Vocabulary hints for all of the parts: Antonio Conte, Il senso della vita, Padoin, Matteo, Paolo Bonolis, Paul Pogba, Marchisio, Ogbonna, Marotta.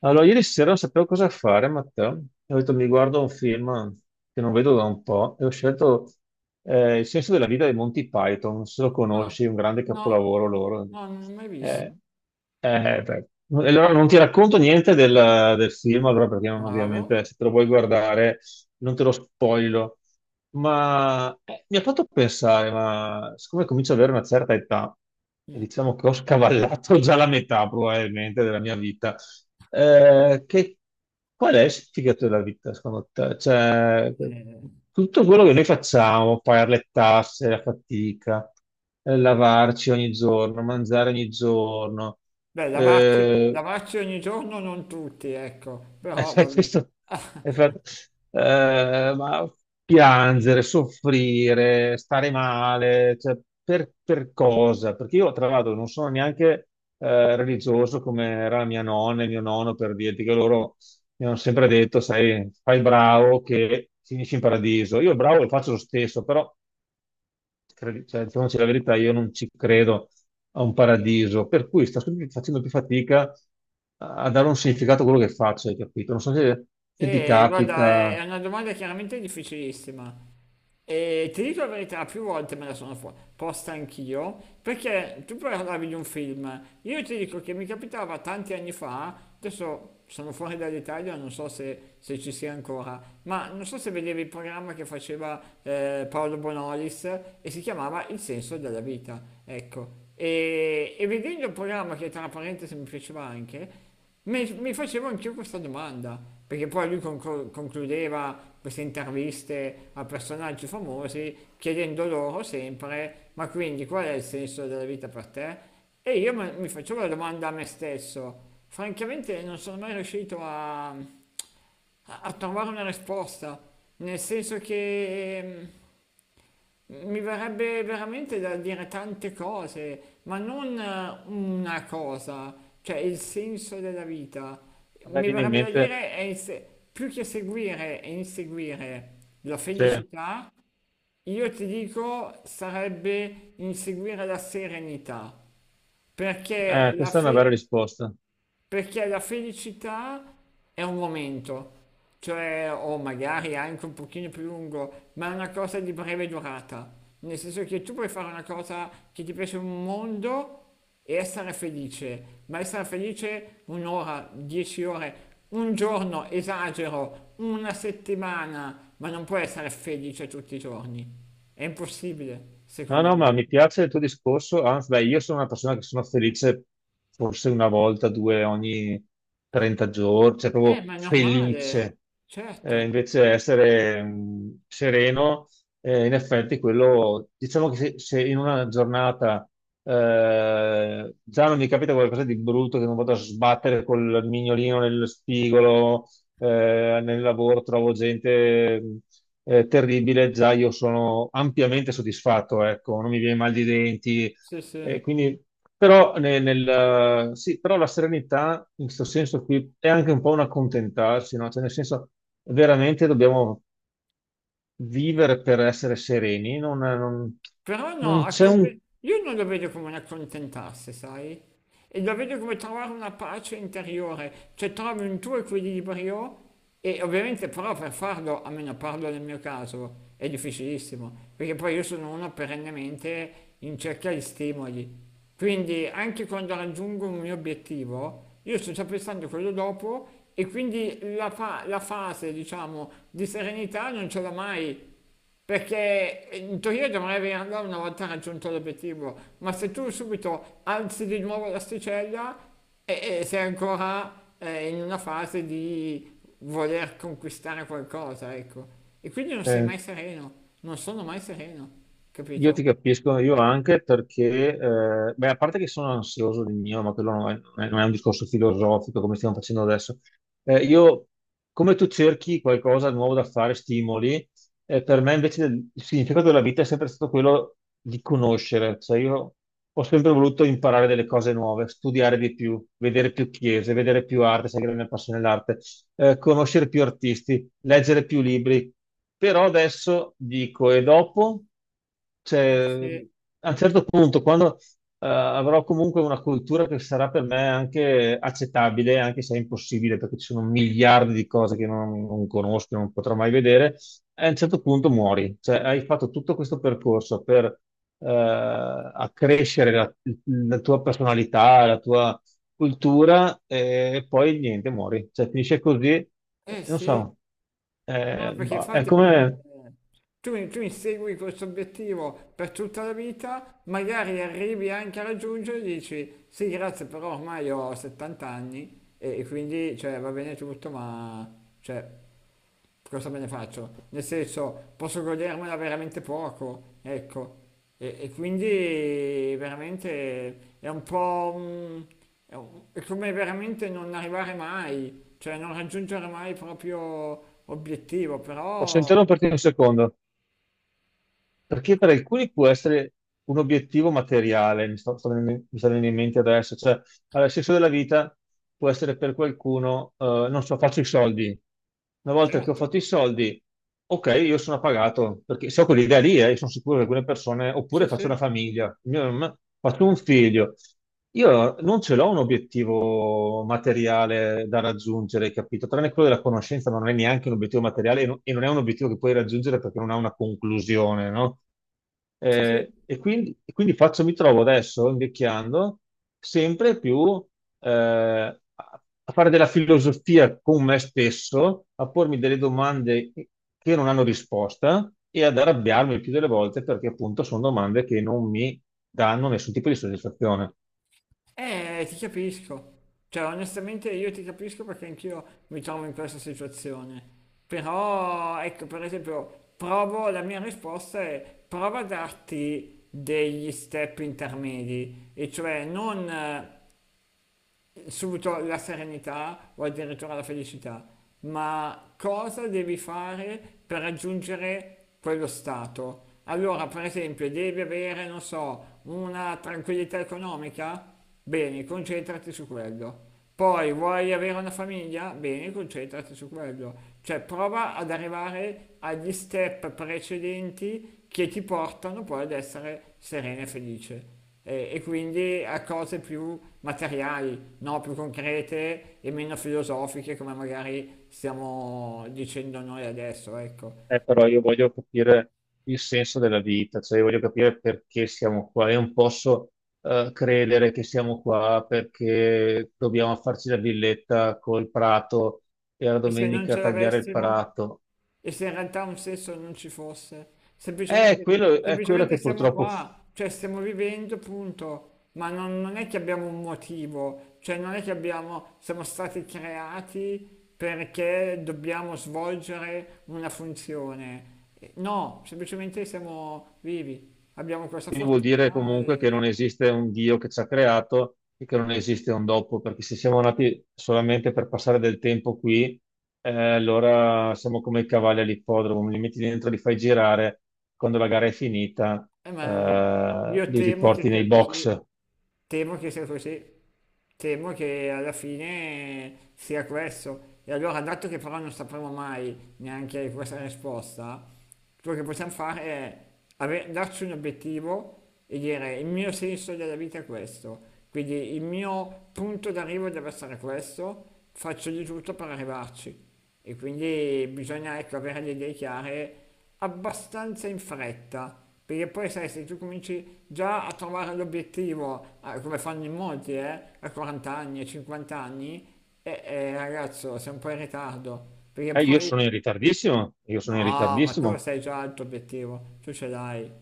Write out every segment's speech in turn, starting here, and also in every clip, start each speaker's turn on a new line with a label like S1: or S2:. S1: Allora, ieri sera non sapevo cosa fare, Matteo. E ho detto mi guardo un film che non vedo da un po' e ho scelto Il senso della vita dei Monty Python. Non so se lo
S2: Ah,
S1: conosci, è un grande
S2: no,
S1: capolavoro loro.
S2: no, non l'ho mai visto.
S1: Eh, Beh. Allora non ti racconto niente del film, allora perché non-
S2: Bravo.
S1: ovviamente se te lo vuoi guardare non te lo spoilo. Ma mi ha fatto pensare, ma siccome comincio ad avere una certa età, e
S2: Mm,
S1: diciamo che ho scavallato già la metà probabilmente della mia vita, eh, che, qual è il significato della vita, secondo te? Cioè,
S2: eh,
S1: tutto quello che noi facciamo, pagare le tasse, la fatica, lavarci ogni giorno, mangiare ogni giorno,
S2: beh, lavarsi,
S1: eh,
S2: lavarsi ogni giorno non tutti, ecco, però vabbè.
S1: Questo è fatto- ma piangere, soffrire, stare male, cioè, per cosa? Perché io, tra l'altro, non sono neanche religioso come era mia nonna e mio nonno, per dirti che loro mi hanno sempre detto, sai, fai il bravo che finisci in paradiso. Io il bravo lo faccio lo stesso, però cioè, diciamoci la verità, io non ci credo a un paradiso, per cui sto sempre facendo più fatica a dare un significato a quello che faccio, hai capito? Non so se, se ti
S2: E guarda, è
S1: capita,
S2: è una domanda chiaramente difficilissima. E ti dico la verità, più volte me la sono posta anch'io, perché tu parlavi di un film, io ti dico che mi capitava tanti anni fa, adesso sono fuori dall'Italia, non so se, se ci sia ancora, ma non so se vedevi il programma che faceva Paolo Bonolis e si chiamava Il senso della vita, ecco. E vedendo il programma che tra parentesi mi piaceva anche, mi facevo anch'io questa domanda, perché poi lui concludeva queste interviste a personaggi famosi chiedendo loro sempre, ma quindi qual è il senso della vita per te? E io mi facevo la domanda a me stesso, francamente non sono mai riuscito a, a trovare una risposta, nel senso che... mi verrebbe veramente da dire tante cose, ma non una cosa, cioè il senso della vita.
S1: a me
S2: Mi
S1: viene in
S2: verrebbe da
S1: mente,
S2: dire è più che seguire e inseguire la
S1: cioè,
S2: felicità, io ti dico sarebbe inseguire la serenità, perché la
S1: questa è una bella
S2: fe
S1: risposta.
S2: perché la felicità è un momento, cioè o magari anche un pochino più lungo, ma è una cosa di breve durata, nel senso che tu puoi fare una cosa che ti piace un mondo e essere felice, ma essere felice un'ora, 10 ore, un giorno, esagero, una settimana, ma non puoi essere felice tutti i giorni. È impossibile,
S1: No,
S2: secondo
S1: no, ma
S2: me.
S1: mi piace il tuo discorso, anzi, beh, io sono una persona che sono felice forse una volta, due ogni 30 giorni, cioè proprio
S2: Ma è normale,
S1: felice.
S2: certo,
S1: Invece essere sereno, in effetti quello, diciamo che se in una giornata già non mi capita qualcosa di brutto, che non vado a sbattere col mignolino nello spigolo, nel lavoro trovo gente terribile, già io sono ampiamente soddisfatto, ecco, non mi viene mal di denti.
S2: sì,
S1: eh,
S2: sì.
S1: quindi, però, sì, però la serenità in questo senso qui è anche un po' un accontentarsi, no? Cioè, nel senso, veramente dobbiamo vivere per essere sereni,
S2: Però no,
S1: non c'è un,
S2: io non lo vedo come un accontentarsi, sai? E lo vedo come trovare una pace interiore, cioè trovi un tuo equilibrio e ovviamente però per farlo, almeno parlo nel mio caso, è difficilissimo, perché poi io sono uno perennemente in cerca di stimoli. Quindi anche quando raggiungo un mio obiettivo, io sto già pensando a quello dopo e quindi la, la fase, diciamo, di serenità non ce l'ho mai. Perché in teoria dovrei averla una volta raggiunto l'obiettivo, ma se tu subito alzi di nuovo l'asticella e sei ancora in una fase di voler conquistare qualcosa, ecco. E quindi non sei
S1: eh,
S2: mai sereno, non sono mai sereno,
S1: Io ti
S2: capito?
S1: capisco, io anche perché, beh, a parte che sono ansioso di mio, ma quello non è un discorso filosofico come stiamo facendo adesso. Eh, io, Come tu cerchi qualcosa di nuovo da fare, stimoli, per me invece il significato della vita è sempre stato quello di conoscere. Cioè io ho sempre voluto imparare delle cose nuove, studiare di più, vedere più chiese, vedere più arte, se hai grande passione nell'arte conoscere più artisti, leggere più libri. Però adesso dico, e dopo? Cioè,
S2: Sì.
S1: a un certo punto, quando avrò comunque una cultura che sarà per me anche accettabile, anche se è impossibile, perché ci sono miliardi di cose che non conosco, non potrò mai vedere, a un certo punto muori. Cioè, hai fatto tutto questo percorso per accrescere la tua personalità, la tua cultura e poi niente, muori. Cioè, finisce così,
S2: Eh
S1: non
S2: sì,
S1: so.
S2: no, perché
S1: Boh, è
S2: infatti perché...
S1: come...
S2: tu insegui questo obiettivo per tutta la vita, magari arrivi anche a raggiungerlo e dici sì, grazie, però ormai ho 70 anni e quindi cioè, va bene tutto, ma cioè, cosa me ne faccio? Nel senso, posso godermela veramente poco, ecco. E quindi veramente è un po'... è è come veramente non arrivare mai, cioè non raggiungere mai il proprio obiettivo,
S1: Posso
S2: però...
S1: interromperti un secondo? Perché per alcuni può essere un obiettivo materiale, mi sta venendo in mente adesso, cioè allora, il senso della vita può essere per qualcuno, non so, faccio i soldi. Una volta che ho
S2: Certo,
S1: fatto i soldi, ok, io sono pagato, perché se ho quell'idea lì, io sono sicuro che alcune persone, oppure
S2: sì, sì.
S1: faccio una famiglia, faccio un figlio. Io non ce l'ho un obiettivo materiale da raggiungere, capito? Tranne quello della conoscenza, ma non è neanche un obiettivo materiale e non è un obiettivo che puoi raggiungere perché non ha una conclusione, no?
S2: Sì, sì,
S1: E quindi faccio, mi trovo adesso invecchiando sempre più a fare della filosofia con me stesso, a pormi delle domande che non hanno risposta e ad arrabbiarmi il più delle volte perché appunto sono domande che non mi danno nessun tipo di soddisfazione.
S2: ti capisco. Cioè, onestamente io ti capisco perché anch'io mi trovo in questa situazione. Però, ecco, per esempio, provo, la mia risposta è prova a darti degli step intermedi, e cioè non subito la serenità o addirittura la felicità, ma cosa devi fare per raggiungere quello stato? Allora, per esempio, devi avere, non so, una tranquillità economica? Bene, concentrati su quello. Poi vuoi avere una famiglia? Bene, concentrati su quello. Cioè, prova ad arrivare agli step precedenti che ti portano poi ad essere serena e felice e quindi a cose più materiali, no? Più concrete e meno filosofiche come magari stiamo dicendo noi adesso, ecco.
S1: Però io voglio capire il senso della vita, cioè io voglio capire perché siamo qua. Io non posso credere che siamo qua perché dobbiamo farci la villetta col prato e la
S2: E se non
S1: domenica
S2: ce
S1: tagliare il
S2: l'avessimo?
S1: prato.
S2: E se in realtà un senso non ci fosse?
S1: È
S2: Semplicemente,
S1: quello, è quello
S2: semplicemente
S1: che
S2: siamo
S1: purtroppo
S2: qua, cioè stiamo vivendo, punto. Ma non, non è che abbiamo un motivo, cioè non è che abbiamo, siamo stati creati perché dobbiamo svolgere una funzione. No, semplicemente siamo vivi, abbiamo questa
S1: quindi vuol dire
S2: fortuna
S1: comunque che
S2: e,
S1: non esiste un Dio che ci ha creato e che non esiste un dopo, perché se siamo nati solamente per passare del tempo qui, allora siamo come i cavalli all'ippodromo, li metti dentro, li fai girare, quando la gara è finita,
S2: ma io
S1: li
S2: temo che
S1: riporti
S2: sia
S1: nei
S2: così.
S1: box.
S2: Temo che sia così, temo che alla fine sia questo. E allora, dato che però non sapremo mai neanche questa risposta, quello che possiamo fare è darci un obiettivo e dire il mio senso della vita è questo, quindi il mio punto d'arrivo deve essere questo, faccio di tutto per arrivarci. E quindi bisogna ecco, avere le idee chiare abbastanza in fretta, perché poi sai, se tu cominci già a trovare l'obiettivo, ah, come fanno in molti, a 40 anni, a 50 anni, ragazzo, sei un po' in ritardo, perché
S1: Io
S2: poi...
S1: sono in ritardissimo, io sono in
S2: No, ma tu
S1: ritardissimo.
S2: sai già il tuo obiettivo, tu ce l'hai.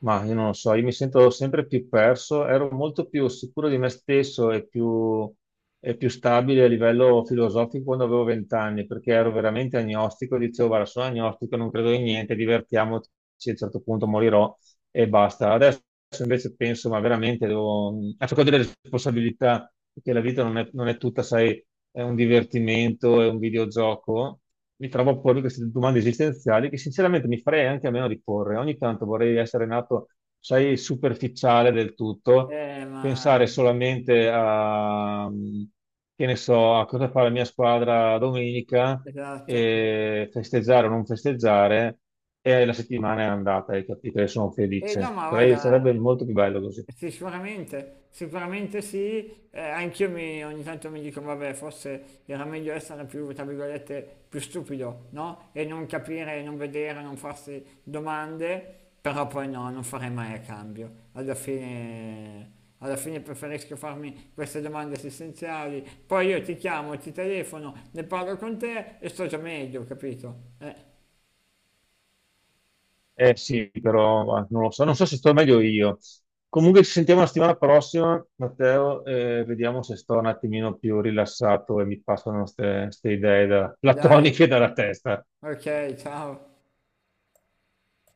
S1: Ma io non lo so, io mi sento sempre più perso, ero molto più sicuro di me stesso e più stabile a livello filosofico quando avevo vent'anni, perché ero veramente agnostico, dicevo, guarda, sono agnostico, non credo in niente, divertiamoci, a un certo punto morirò e basta. Adesso invece penso, ma veramente devo... Ecco, ho delle responsabilità, perché la vita non è tutta, sai, è un divertimento, è un videogioco. Mi trovo a pormi queste domande esistenziali che sinceramente mi farei anche a meno di porre. Ogni tanto vorrei essere nato, sai, superficiale del tutto,
S2: Ma...
S1: pensare solamente che ne so, a cosa fa la mia squadra domenica,
S2: Esatto.
S1: e festeggiare o non festeggiare e la settimana è andata, hai capito? E sono
S2: E no,
S1: felice.
S2: ma guarda,
S1: Sarebbe molto più bello così.
S2: sì, sicuramente, sicuramente sì, ogni tanto mi dico, vabbè, forse era meglio essere più, tra virgolette, più stupido, no? E non capire, non vedere, non farsi domande, però poi no, non farei mai a cambio. Alla fine preferisco farmi queste domande esistenziali, poi io ti chiamo, ti telefono, ne parlo con te e sto già meglio, capito?
S1: Eh sì, però ah, non lo so, non so se sto meglio io. Comunque ci sentiamo la settimana prossima, Matteo, e vediamo se sto un attimino più rilassato e mi passano queste idee
S2: Dai,
S1: platoniche dalla testa.
S2: ok, ciao.